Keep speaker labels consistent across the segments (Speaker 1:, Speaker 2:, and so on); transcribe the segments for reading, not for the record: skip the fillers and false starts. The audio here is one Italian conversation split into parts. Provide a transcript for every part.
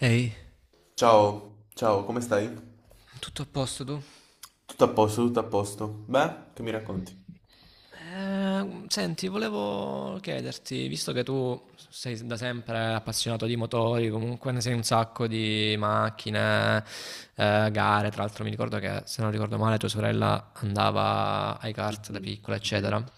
Speaker 1: Ehi,
Speaker 2: Ciao, ciao, come stai?
Speaker 1: tutto a posto tu?
Speaker 2: Tutto a posto, tutto a posto. Beh, che mi racconti?
Speaker 1: Senti, volevo chiederti, visto che tu sei da sempre appassionato di motori, comunque ne sei un sacco di macchine, gare, tra l'altro mi ricordo che, se non ricordo male, tua sorella andava ai kart da
Speaker 2: Mhm.
Speaker 1: piccola, eccetera.
Speaker 2: Eh,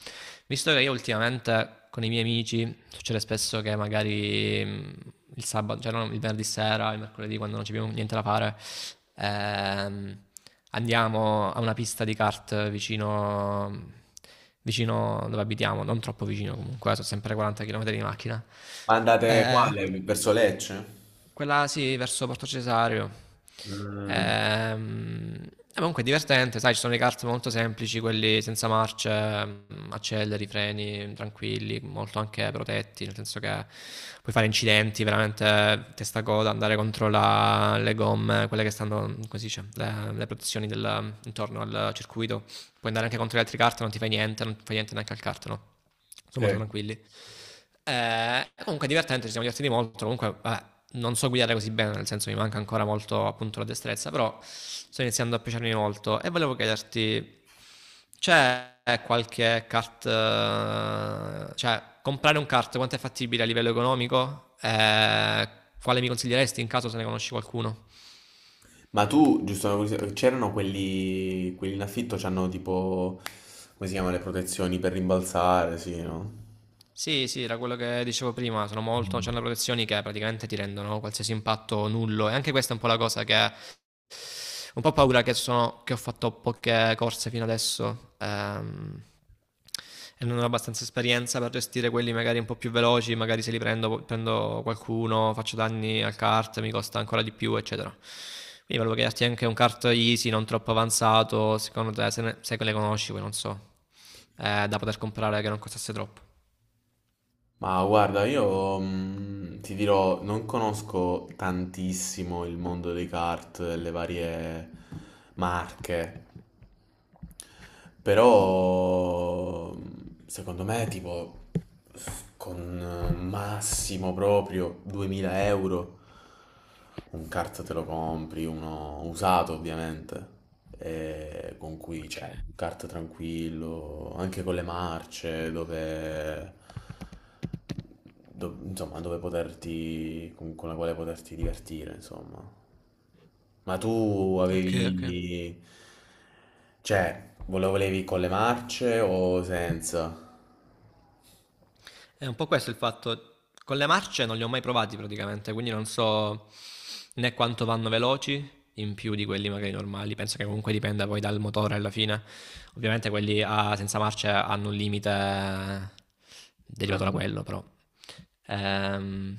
Speaker 1: Visto che io ultimamente con i miei amici succede spesso che magari il sabato, cioè no, il venerdì sera, il mercoledì, quando non c'è più niente da fare, Ehm, andiamo a una pista di kart vicino, vicino dove abitiamo, non troppo vicino comunque, sono sempre 40 km di macchina.
Speaker 2: Ma andate
Speaker 1: Eh,
Speaker 2: quale? Verso Lecce?
Speaker 1: quella sì, verso Porto Cesareo.
Speaker 2: Mm,
Speaker 1: Ehm, comunque è divertente, sai, ci sono i kart molto semplici, quelli senza marce, acceleri, freni, tranquilli, molto anche protetti, nel senso che puoi fare incidenti, veramente testa a coda, andare contro le gomme, quelle che stanno, come si dice, le protezioni del- intorno al circuito. Puoi andare anche contro gli altri kart, non ti fai niente, non fai niente neanche al kart, no? Sono molto
Speaker 2: sì.
Speaker 1: tranquilli. Comunque è divertente, ci siamo divertiti molto. Comunque, non so guidare così bene, nel senso mi manca ancora molto appunto la destrezza, però sto iniziando a piacermi molto e volevo chiederti, c'è qualche kart, cioè comprare un kart quanto è fattibile a livello economico? Quale mi consiglieresti in caso se ne conosci qualcuno?
Speaker 2: Ma tu, giusto, c'erano quelli, in affitto, c'hanno tipo, come si chiamano le protezioni per rimbalzare, sì, no?
Speaker 1: Sì, sì, era quello che dicevo prima, sono molto, c'hanno protezioni che praticamente ti rendono qualsiasi impatto nullo e anche questa è un po' la cosa che un po' paura che, sono, che ho fatto poche corse fino adesso, e non ho abbastanza esperienza per gestire quelli magari un po' più veloci, magari se li prendo, prendo qualcuno, faccio danni al kart, mi costa ancora di più, eccetera. Quindi volevo chiederti anche un kart easy, non troppo avanzato, secondo te, se, ne, se le conosci, poi non so, da poter comprare che non costasse troppo.
Speaker 2: Ma guarda, io ti dirò, non conosco tantissimo il mondo dei kart, le varie marche, però secondo me tipo con massimo proprio 2000 euro un kart te lo compri, uno usato ovviamente, e con cui
Speaker 1: Ok,
Speaker 2: c'è un kart tranquillo, anche con le marce, dove, insomma, dove poterti, con la quale poterti divertire, insomma. Ma tu
Speaker 1: ok, ok.
Speaker 2: avevi... Cioè, lo volevi con le marce o senza?
Speaker 1: È un po' questo il fatto, con le marce non li ho mai provati praticamente, quindi non so né quanto vanno veloci in più di quelli magari normali, penso che comunque dipenda poi dal motore alla fine. Ovviamente quelli a- senza marce hanno un limite derivato da
Speaker 2: Mm.
Speaker 1: quello, però. Ehm,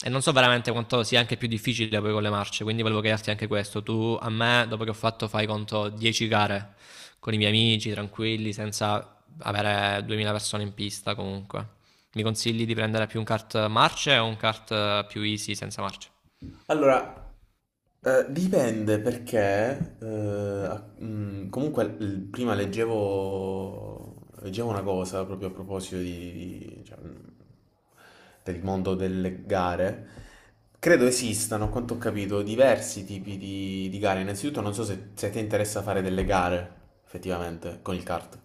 Speaker 1: E non so veramente quanto sia anche più difficile poi con le marce, quindi volevo chiederti anche questo. Tu a me, dopo che ho fatto, fai conto 10 gare con i miei amici, tranquilli, senza avere 2000 persone in pista comunque. Mi consigli di prendere più un kart marce o un kart più easy senza marce?
Speaker 2: Allora, dipende perché... comunque, prima leggevo una cosa proprio a proposito cioè, del mondo delle gare. Credo esistano, a quanto ho capito, diversi tipi di gare. Innanzitutto, non so se, se ti interessa fare delle gare, effettivamente, con il kart.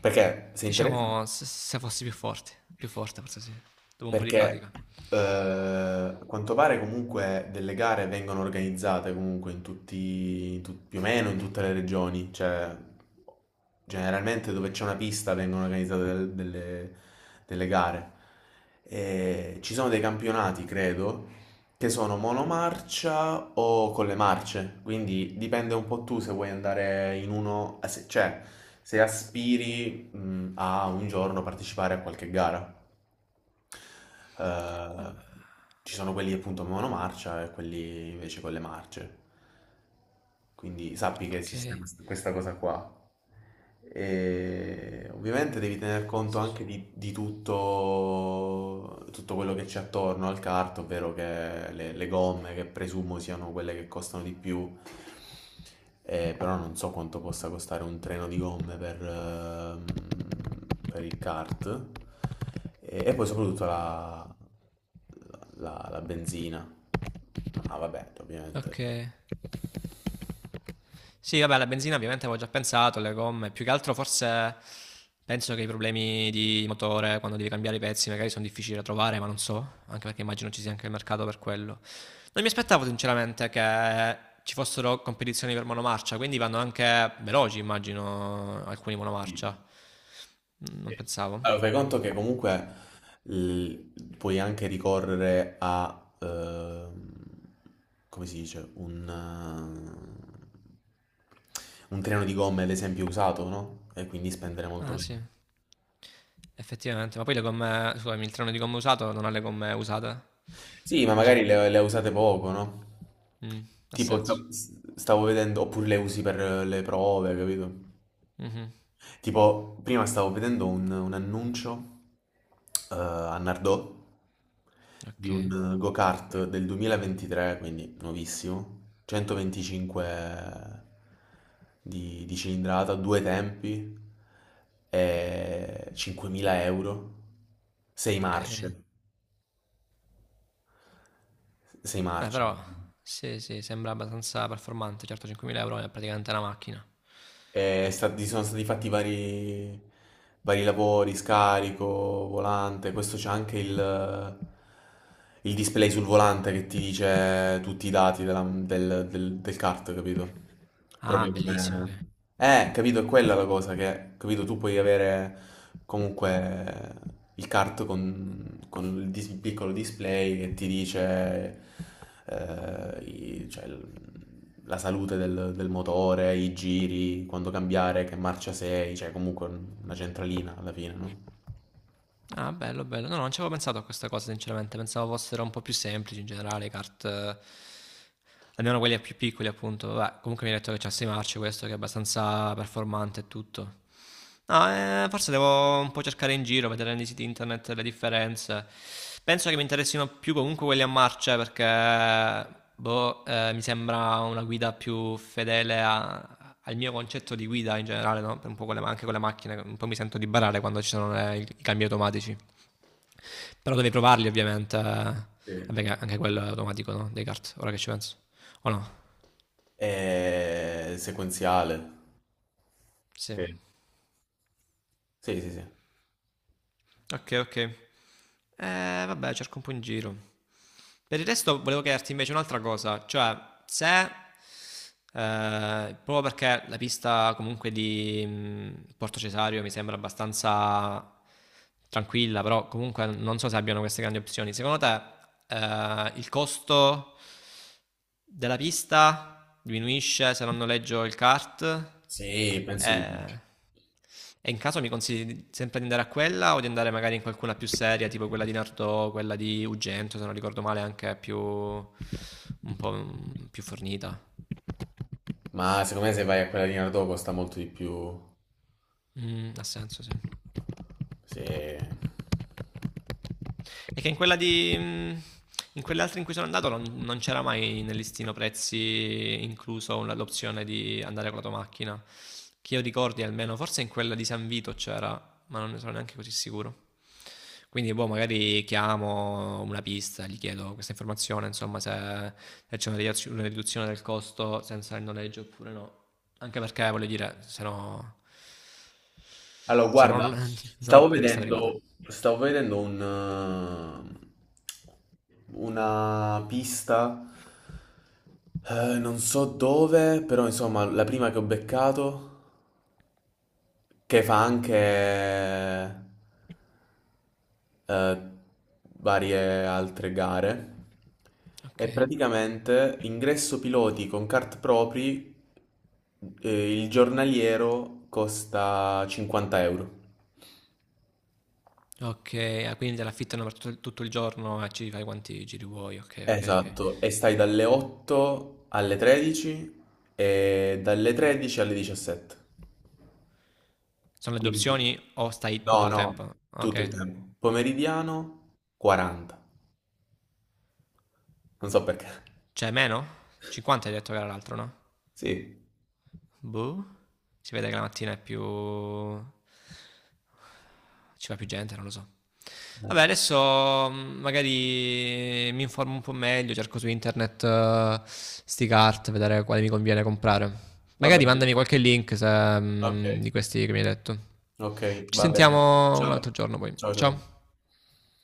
Speaker 2: Perché se interessa
Speaker 1: Diciamo se, se fossi più forte forse sì, dopo un po' di
Speaker 2: perché
Speaker 1: pratica.
Speaker 2: a quanto pare comunque delle gare vengono organizzate comunque in tutti, in tut- più o meno in tutte le regioni, cioè generalmente dove c'è una pista vengono organizzate delle, delle gare. E ci sono dei campionati, credo, che sono monomarcia o con le marce, quindi dipende un po' tu se vuoi andare in uno, cioè se aspiri, a un giorno partecipare a qualche gara. Eh, Ci sono quelli appunto monomarcia e quelli invece con le marce. Quindi sappi che
Speaker 1: Ok.
Speaker 2: esiste questa cosa qua. E ovviamente devi tener conto anche di tutto, tutto quello che c'è attorno al kart, ovvero che le gomme, che presumo siano quelle che costano di più, però non so quanto possa costare un treno di gomme per il kart. E poi soprattutto la benzina. Ah, vabbè, ovviamente.
Speaker 1: Ok. Sì, vabbè, la benzina ovviamente avevo già pensato, le gomme, più che altro forse penso che i problemi di motore quando devi cambiare i pezzi magari sono difficili da trovare, ma non so, anche perché immagino ci sia anche il mercato per quello. Non mi aspettavo sinceramente che ci fossero competizioni per monomarcia, quindi vanno anche veloci, immagino, alcuni
Speaker 2: Sì.
Speaker 1: monomarcia. Mm, non
Speaker 2: Sì.
Speaker 1: pensavo.
Speaker 2: Allora, fai conto che comunque l- puoi anche ricorrere a, come si dice, un treno di gomme, ad esempio, usato, no? E quindi spendere molto
Speaker 1: Ah
Speaker 2: meno.
Speaker 1: sì, effettivamente, ma poi le gomme, scusami, il treno di gomme usato non ha le gomme usate?
Speaker 2: Sì, ma
Speaker 1: Non ci-
Speaker 2: magari le usate poco, no?
Speaker 1: Mm, ha
Speaker 2: Tipo,
Speaker 1: senso.
Speaker 2: stavo vedendo, oppure le usi per le prove, capito?
Speaker 1: Mhm.
Speaker 2: Tipo, prima stavo vedendo un annuncio a Nardò di
Speaker 1: Ok,
Speaker 2: un go-kart del 2023, quindi nuovissimo, 125 di cilindrata, due tempi, e 5.000 euro, 6
Speaker 1: ok.
Speaker 2: marce, 6
Speaker 1: Beh,
Speaker 2: marce.
Speaker 1: però, sì, sì, sembra abbastanza performante. Certo, 5.000 euro è praticamente una macchina.
Speaker 2: Sono stati fatti vari, vari lavori, scarico, volante. Questo c'è anche il display sul volante che ti dice tutti i dati del kart, capito?
Speaker 1: Ah,
Speaker 2: Proprio
Speaker 1: bellissimo,
Speaker 2: come...
Speaker 1: ok.
Speaker 2: Capito, è quella la cosa che, capito, tu puoi avere comunque il kart con il piccolo display che ti dice cioè, la salute del motore, i giri, quando cambiare, che marcia sei, cioè comunque una centralina alla fine, no?
Speaker 1: Ah, bello, bello. No, no, non ci avevo pensato a questa cosa, sinceramente. Pensavo fossero un po' più semplici in generale, kart... almeno quelli più piccoli, appunto. Vabbè, comunque mi hai detto che c'è 6 marce questo, che è abbastanza performante e tutto. No, forse devo un po' cercare in giro, vedere nei siti internet le differenze. Penso che mi interessino più comunque quelli a marce perché boh, mi sembra una guida più fedele al mio concetto di guida in generale, no? Per un po' con anche con le macchine, un po' mi sento di barare quando ci sono i cambi automatici. Però devi provarli ovviamente, eh. Vabbè,
Speaker 2: Sì.
Speaker 1: che anche quello è automatico, no? Dei kart, ora che ci penso. O no?
Speaker 2: E sequenziale.
Speaker 1: Sì.
Speaker 2: Sì, sì, sì.
Speaker 1: Ok, ok. Vabbè, cerco un po' in giro. Per il resto volevo chiederti invece un'altra cosa, cioè se, proprio perché la pista comunque di Porto Cesario mi sembra abbastanza tranquilla, però comunque non so se abbiano queste grandi opzioni, secondo te il costo della pista diminuisce se non noleggio il kart?
Speaker 2: Sì, penso di sì.
Speaker 1: Eh, e in caso mi consigli sempre di andare a quella o di andare magari in qualcuna più seria, tipo quella di Nardò, quella di Ugento, se non ricordo male, anche più un po' più fornita.
Speaker 2: Ma secondo me se vai a quella linea dopo costa molto di più.
Speaker 1: Mm, ha senso, sì.
Speaker 2: Sì.
Speaker 1: E che in quella di in quelle altre in cui sono andato non, non c'era mai nel listino prezzi incluso una- l'opzione di andare con la tua macchina. Che io ricordi almeno, forse in quella di San Vito c'era, ma non ne sono neanche così sicuro. Quindi, boh, magari chiamo una pista, gli chiedo questa informazione, insomma, se, se c'è una ridazio- una riduzione del costo senza il noleggio oppure no. Anche perché, voglio dire, se no,
Speaker 2: Allora,
Speaker 1: se no
Speaker 2: guarda,
Speaker 1: non ho la pista privata.
Speaker 2: stavo vedendo una pista, non so dove, però insomma la prima che ho beccato che fa anche eh, varie altre gare.
Speaker 1: Ok.
Speaker 2: E praticamente ingresso piloti con kart propri, il giornaliero costa 50 euro.
Speaker 1: Ok, ah, quindi te l'affittano per tutto, tutto il giorno e ci fai quanti giri vuoi. Ok, ok, ok.
Speaker 2: Esatto, e stai dalle 8 alle 13 e dalle 13 alle 17.
Speaker 1: Sono le due
Speaker 2: Quindi,
Speaker 1: opzioni o stai tutto
Speaker 2: no,
Speaker 1: il
Speaker 2: no,
Speaker 1: tempo?
Speaker 2: tutto il
Speaker 1: Ok.
Speaker 2: tempo. Pomeridiano 40, non so perché.
Speaker 1: Cioè, meno? 50 hai detto che era l'altro, no?
Speaker 2: Sì,
Speaker 1: Boh. Si vede che la mattina è più... ci va più gente, non lo so. Vabbè, adesso magari mi informo un po' meglio, cerco su internet sti cart, vedere quale mi conviene comprare.
Speaker 2: vabbè.
Speaker 1: Magari mandami qualche link se,
Speaker 2: Okay,
Speaker 1: di questi che mi hai detto.
Speaker 2: okay,
Speaker 1: Ci
Speaker 2: va bene.
Speaker 1: sentiamo
Speaker 2: Ciao.
Speaker 1: un altro giorno poi.
Speaker 2: Ciao, ciao, ciao.
Speaker 1: Ciao.